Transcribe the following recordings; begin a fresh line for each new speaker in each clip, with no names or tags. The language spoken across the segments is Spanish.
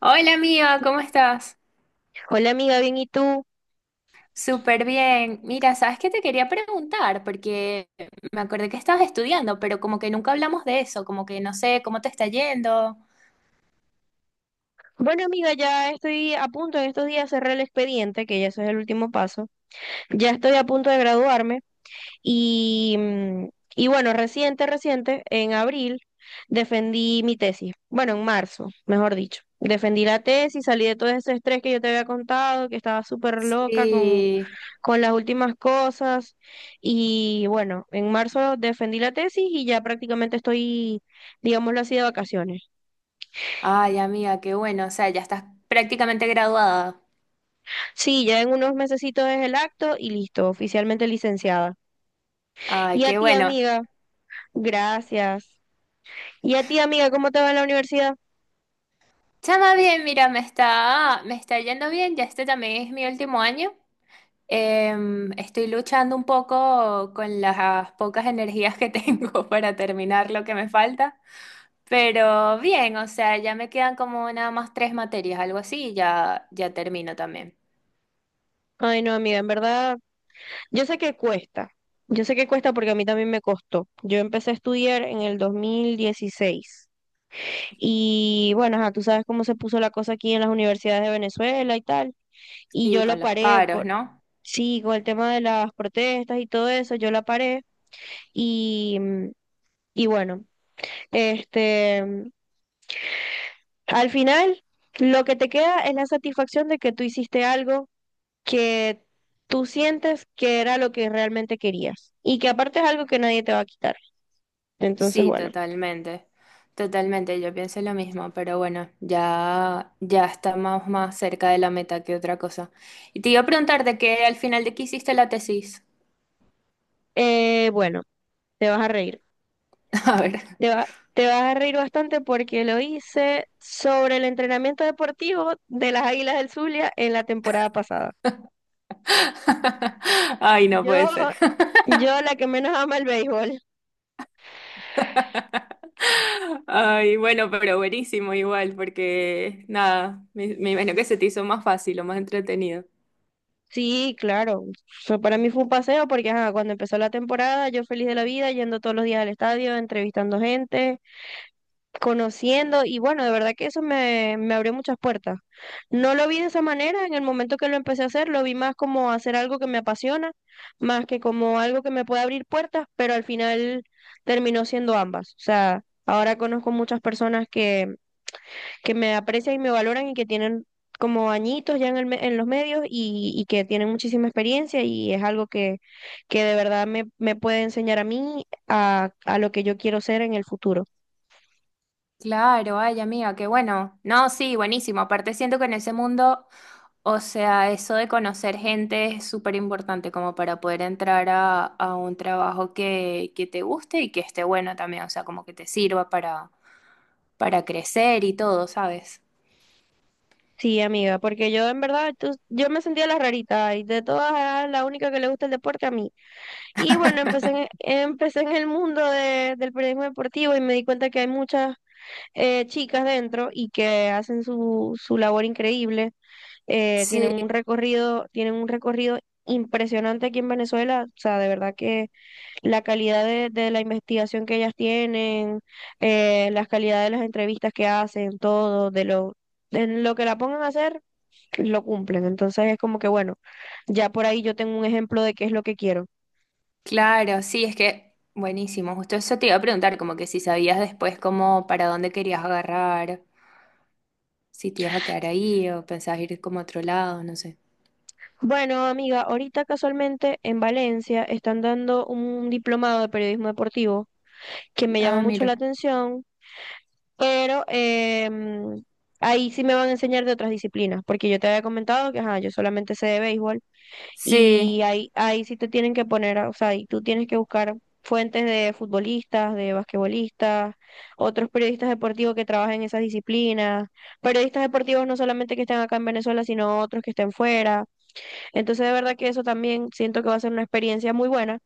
Hola amiga, ¿cómo estás?
Hola, amiga, bien, ¿y tú?
Súper bien. Mira, ¿sabes qué te quería preguntar? Porque me acordé que estabas estudiando, pero como que nunca hablamos de eso, como que no sé cómo te está yendo.
Bueno, amiga, ya estoy a punto en estos días de cerrar el expediente, que ya eso es el último paso. Ya estoy a punto de graduarme y, mm, y bueno, reciente, reciente, en abril defendí mi tesis. Bueno, en marzo, mejor dicho. Defendí la tesis, salí de todo ese estrés que yo te había contado, que estaba súper loca con,
Sí.
con las últimas cosas. Y bueno, en marzo defendí la tesis y ya prácticamente estoy, digámoslo así, de vacaciones.
Ay, amiga, qué bueno. O sea, ya estás prácticamente graduada.
Sí, ya en unos mesecitos es el acto y listo, oficialmente licenciada.
Ay,
Y a
qué
ti,
bueno.
amiga, gracias. Y a ti, amiga, ¿cómo te va en la universidad?
Chama bien, mira, me está yendo bien. Ya este también es mi último año. Estoy luchando un poco con las pocas energías que tengo para terminar lo que me falta. Pero bien, o sea, ya me quedan como nada más tres materias, algo así, y ya, ya termino también.
Ay, no, amiga, en verdad, yo sé que cuesta. Yo sé que cuesta porque a mí también me costó. Yo empecé a estudiar en el 2016. Y bueno, ajá, tú sabes cómo se puso la cosa aquí en las universidades de Venezuela y tal. Y
Sí,
yo
con
la
los
paré
paros,
por,
¿no?
sí, con el tema de las protestas y todo eso, yo la paré. Y, mm, y bueno, este, al final, lo que te queda es la satisfacción de que tú hiciste algo que tú sientes que era lo que realmente querías y que aparte es algo que nadie te va a quitar. Entonces,
Sí,
bueno,
totalmente. Totalmente, yo pienso lo mismo, pero bueno, ya, ya estamos más cerca de la meta que otra cosa. Y te iba a preguntar de qué al final de qué hiciste la tesis.
bueno, te vas a reír.
A ver.
Te va- Te vas a reír bastante porque lo hice sobre el entrenamiento deportivo de las Águilas del Zulia en la temporada pasada.
Ay, no
Yo,
puede ser.
yo la que menos ama el béisbol.
Ay, bueno, pero buenísimo igual, porque nada, me imagino que se te hizo más fácil o más entretenido.
Sí, claro. O sea, para mí fue un paseo porque ajá, cuando empezó la temporada yo feliz de la vida, yendo todos los días al estadio, entrevistando gente, conociendo, y bueno, de verdad que eso me abrió muchas puertas. No lo vi de esa manera en el momento que lo empecé a hacer, lo vi más como hacer algo que me apasiona, más que como algo que me puede abrir puertas, pero al final terminó siendo ambas. O sea, ahora conozco muchas personas que me aprecian y me valoran y que tienen como añitos ya en los medios, y que tienen muchísima experiencia, y es algo que de verdad me puede enseñar a mí a lo que yo quiero ser en el futuro.
Claro, ay amiga, qué bueno. No, sí, buenísimo. Aparte siento que en ese mundo, o sea, eso de conocer gente es súper importante como para poder entrar a un trabajo que te guste y que esté bueno también, o sea, como que te sirva para crecer y todo, ¿sabes?
Sí, amiga, porque yo en verdad, tú- yo me sentía la rarita y de todas era la única que le gusta el deporte a mí. Y bueno, empecé en el mundo de- del periodismo deportivo, y me di cuenta que hay muchas chicas dentro y que hacen su labor increíble. Tienen
Sí,
un recorrido, impresionante aquí en Venezuela. O sea, de verdad que la calidad de la investigación que ellas tienen, la calidad de las entrevistas que hacen, todo, de lo que la pongan a hacer, lo cumplen. Entonces es como que, bueno, ya por ahí yo tengo un ejemplo de qué es lo que quiero.
claro, sí, es que buenísimo. Justo eso te iba a preguntar, como que si sabías después como para dónde querías agarrar, si te ibas a quedar ahí o pensabas ir como a otro lado, no sé.
Bueno, amiga, ahorita casualmente en Valencia están dando un diplomado de periodismo deportivo que me llama
Ah,
mucho la
mira.
atención, pero ahí sí me van a enseñar de otras disciplinas, porque yo te había comentado que ajá, yo solamente sé de béisbol,
Sí.
y ahí sí te tienen que poner, o sea, y tú tienes que buscar fuentes de futbolistas, de basquetbolistas, otros periodistas deportivos que trabajen en esas disciplinas, periodistas deportivos no solamente que estén acá en Venezuela, sino otros que estén fuera. Entonces, de verdad que eso también siento que va a ser una experiencia muy buena,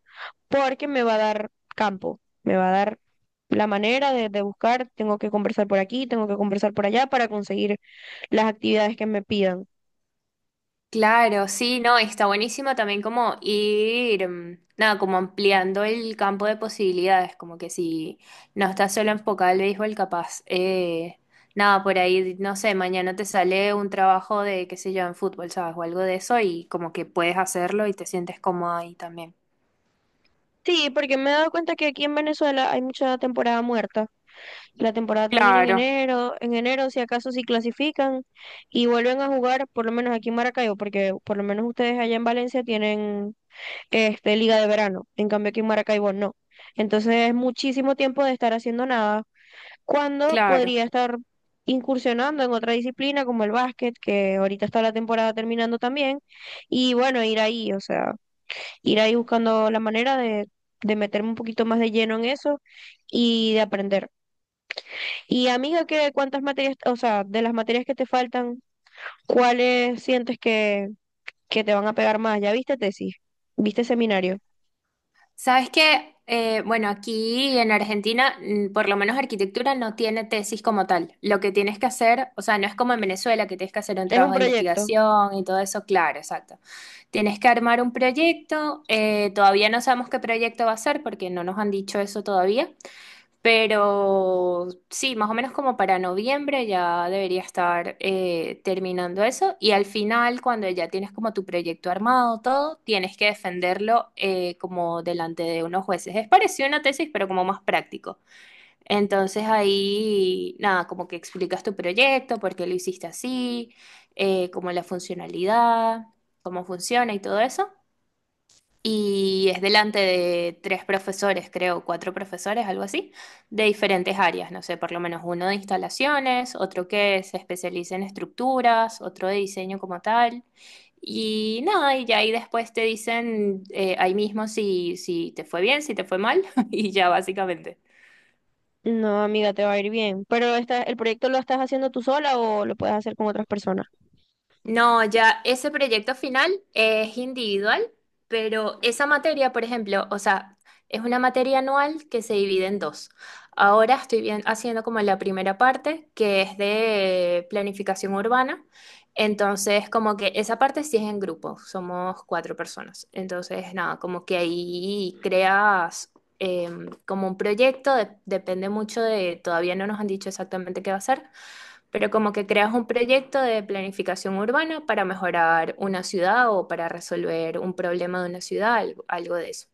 porque me va a dar campo, me va a dar la manera de buscar, tengo que conversar por aquí, tengo que conversar por allá para conseguir las actividades que me pidan.
Claro, sí, no, está buenísimo también como ir, mm, nada, como ampliando el campo de posibilidades, como que si no estás solo enfocado al béisbol, capaz, nada, por ahí, no sé, mañana te sale un trabajo de, qué sé yo, en fútbol, ¿sabes? O algo de eso y como que puedes hacerlo y te sientes cómodo ahí también.
Sí, porque me he dado cuenta que aquí en Venezuela hay mucha temporada muerta. La temporada termina
Claro,
en enero si acaso si clasifican y vuelven a jugar, por lo menos aquí en Maracaibo, porque por lo menos ustedes allá en Valencia tienen este liga de verano, en cambio aquí en Maracaibo no. Entonces es muchísimo tiempo de estar haciendo nada, cuando
claro.
podría estar incursionando en otra disciplina como el básquet, que ahorita está la temporada terminando también, y bueno, ir ahí, o sea, ir ahí buscando la manera de meterme un poquito más de lleno en eso y de aprender. Y, amiga, ¿qué, cuántas materias, o sea, de las materias que te faltan, cuáles sientes que, te van a pegar más? ¿Ya viste tesis? ¿Viste seminario?
Sabes que, bueno, aquí en Argentina, mm, por lo menos arquitectura no tiene tesis como tal. Lo que tienes que hacer, o sea, no es como en Venezuela que tienes que hacer un
¿Es un
trabajo de
proyecto?
investigación y todo eso, claro, exacto. Tienes que armar un proyecto, todavía no sabemos qué proyecto va a ser porque no nos han dicho eso todavía. Pero sí, más o menos como para noviembre ya debería estar terminando eso. Y al final, cuando ya tienes como tu proyecto armado, todo, tienes que defenderlo como delante de unos jueces. Es parecido a una tesis, pero como más práctico. Entonces ahí, nada, como que explicas tu proyecto, por qué lo hiciste así, como la funcionalidad, cómo funciona y todo eso, y es delante de tres profesores, creo, cuatro profesores, algo así, de diferentes áreas, no sé, por lo menos uno de instalaciones, otro que se especializa en estructuras, otro de diseño como tal. Y nada, y ya ahí después te dicen ahí mismo si te fue bien, si te fue mal, y ya básicamente.
No, amiga, te va a ir bien. Pero esta, ¿el proyecto lo estás haciendo tú sola o lo puedes hacer con otras personas?
No, ya ese proyecto final es individual, pero esa materia, por ejemplo, o sea, es una materia anual que se divide en dos. Ahora estoy haciendo como la primera parte, que es de planificación urbana. Entonces, como que esa parte sí es en grupo, somos cuatro personas. Entonces, nada, como que ahí creas como un proyecto, depende mucho de, todavía no nos han dicho exactamente qué va a ser, pero como que creas un proyecto de planificación urbana para mejorar una ciudad o para resolver un problema de una ciudad, algo, algo de eso.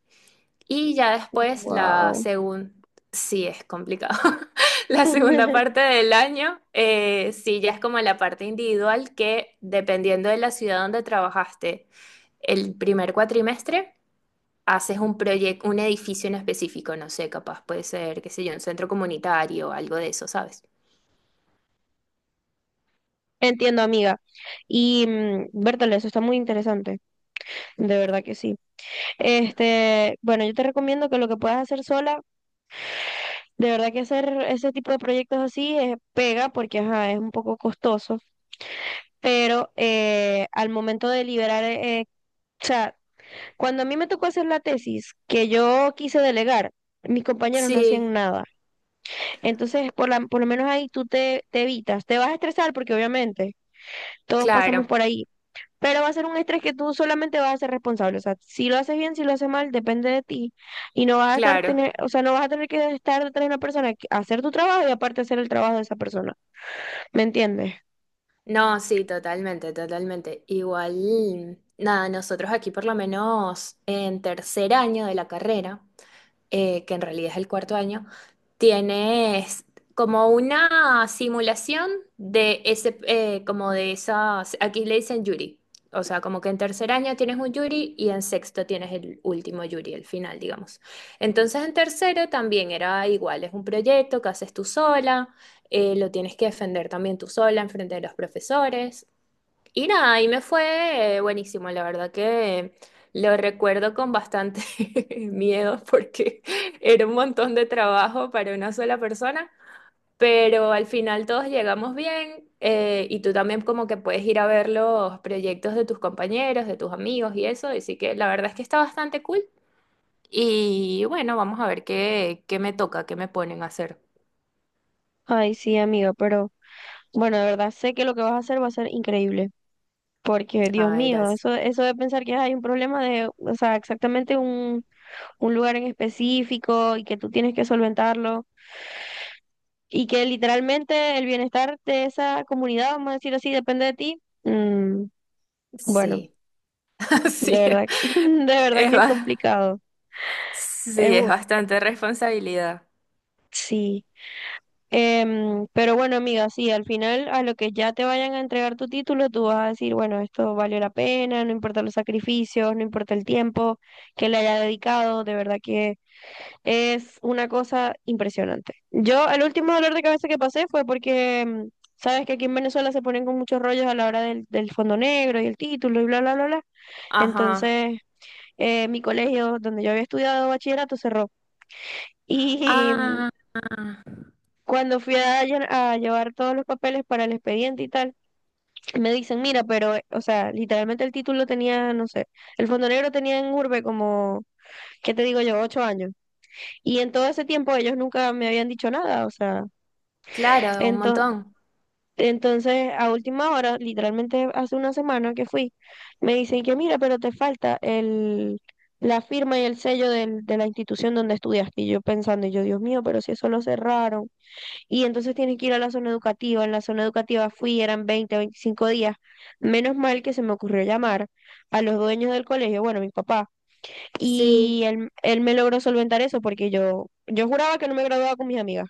Y ya después la
Wow.
segunda, sí es complicado, la segunda parte del año, sí ya es como la parte individual que dependiendo de la ciudad donde trabajaste, el primer cuatrimestre haces un proyecto, un edificio en específico, no sé, capaz puede ser, qué sé yo, un centro comunitario, algo de eso, ¿sabes?
Entiendo, amiga. Y Bertale, eso está muy interesante. De verdad que sí. Este, bueno, yo te recomiendo que lo que puedas hacer sola, de verdad que hacer ese tipo de proyectos así pega, porque ajá, es un poco costoso, pero al momento de liberar, o sea, cuando a mí me tocó hacer la tesis que yo quise delegar, mis compañeros no hacían
Sí,
nada. Entonces, por lo menos ahí tú te evitas. Te vas a estresar porque obviamente todos pasamos
claro,
por ahí, pero va a ser un estrés que tú solamente vas a ser responsable. O sea, si lo haces bien, si lo haces mal, depende de ti. Y no vas a estar
claro.
tener, o sea, no vas a tener que estar detrás de una persona, hacer tu trabajo y aparte hacer el trabajo de esa persona. ¿Me entiendes?
No, sí, totalmente, totalmente. Igual, nada, nosotros aquí por lo menos en tercer año de la carrera, que en realidad es el cuarto año, tienes como una simulación de ese, como de esas, aquí le dicen jury. O sea, como que en tercer año tienes un jury y en sexto tienes el último jury, el final, digamos. Entonces en tercero también era igual, es un proyecto que haces tú sola, lo tienes que defender también tú sola en frente de los profesores. Y nada, y me fue buenísimo, la verdad que lo recuerdo con bastante miedo porque era un montón de trabajo para una sola persona, pero al final todos llegamos bien, y tú también como que puedes ir a ver los proyectos de tus compañeros, de tus amigos y eso, así que la verdad es que está bastante cool. Y bueno, vamos a ver qué, qué me toca, qué me ponen a hacer.
Ay, sí, amigo, pero bueno, de verdad sé que lo que vas a hacer va a ser increíble. Porque, Dios
Ah,
mío,
eras.
eso de pensar que hay un problema de, o sea, exactamente un lugar en específico, y que tú tienes que solventarlo, y que literalmente el bienestar de esa comunidad, vamos a decir así, depende de ti. Bueno.
Sí,
De
sí.
verdad, de verdad
Es,
que es complicado. Es
sí, es
un-
bastante responsabilidad.
sí. Pero bueno, amiga, sí, al final a lo que ya te vayan a entregar tu título, tú vas a decir, bueno, esto valió la pena, no importa los sacrificios, no importa el tiempo que le haya dedicado, de verdad que es una cosa impresionante. Yo, el último dolor de cabeza que pasé fue porque, sabes que aquí en Venezuela se ponen con muchos rollos a la hora del fondo negro y el título y bla, bla, bla, bla.
Ajá.
Entonces, mi colegio donde yo había estudiado bachillerato cerró. Y
Ah,
cuando fui a llevar todos los papeles para el expediente y tal, me dicen, mira, pero, o sea, literalmente el título tenía, no sé, el Fondo Negro tenía en Urbe como, ¿qué te digo yo?, 8 años. Y en todo ese tiempo ellos nunca me habían dicho nada, o sea,
claro, un
entonces…
montón.
Entonces, a última hora, literalmente hace una semana que fui, me dicen que mira, pero te falta la firma y el sello de la institución donde estudiaste. Y yo pensando, y yo, Dios mío, pero si eso lo cerraron. Y entonces tienen que ir a la zona educativa. En la zona educativa fui, eran 20 25 días. Menos mal que se me ocurrió llamar a los dueños del colegio, bueno, mi papá.
Sí.
Y él me logró solventar eso, porque yo juraba que no me graduaba con mis amigas.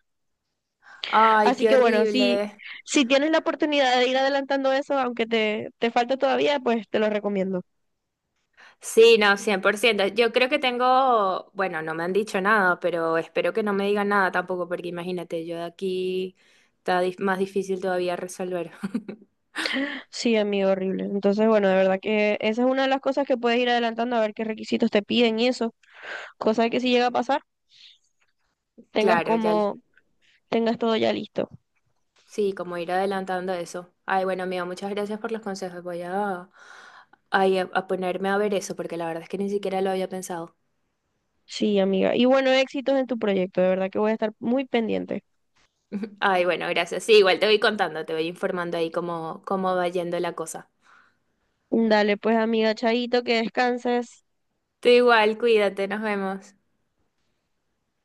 Ay,
Así
qué
que bueno, si,
horrible.
si tienes la oportunidad de ir adelantando eso, aunque te falte todavía, pues te lo recomiendo.
Sí, no, 100%. Yo creo que tengo, bueno, no me han dicho nada, pero espero que no me digan nada tampoco, porque imagínate, yo de aquí está más difícil todavía resolver.
Sí, amigo, horrible. Entonces, bueno, de verdad que esa es una de las cosas que puedes ir adelantando, a ver qué requisitos te piden y eso. Cosa que si llega a pasar, tengas
Claro, ya,
como, tengas todo ya listo.
sí, como ir adelantando eso. Ay, bueno, amigo, muchas gracias por los consejos. Voy a, ay, a ponerme a ver eso, porque la verdad es que ni siquiera lo había pensado.
Sí, amiga. Y bueno, éxitos en tu proyecto, de verdad que voy a estar muy pendiente.
Ay, bueno, gracias. Sí, igual te voy contando, te voy informando ahí cómo, cómo va yendo la cosa.
Dale, pues, amiga, chaito, que descanses.
Tú igual, cuídate, nos vemos.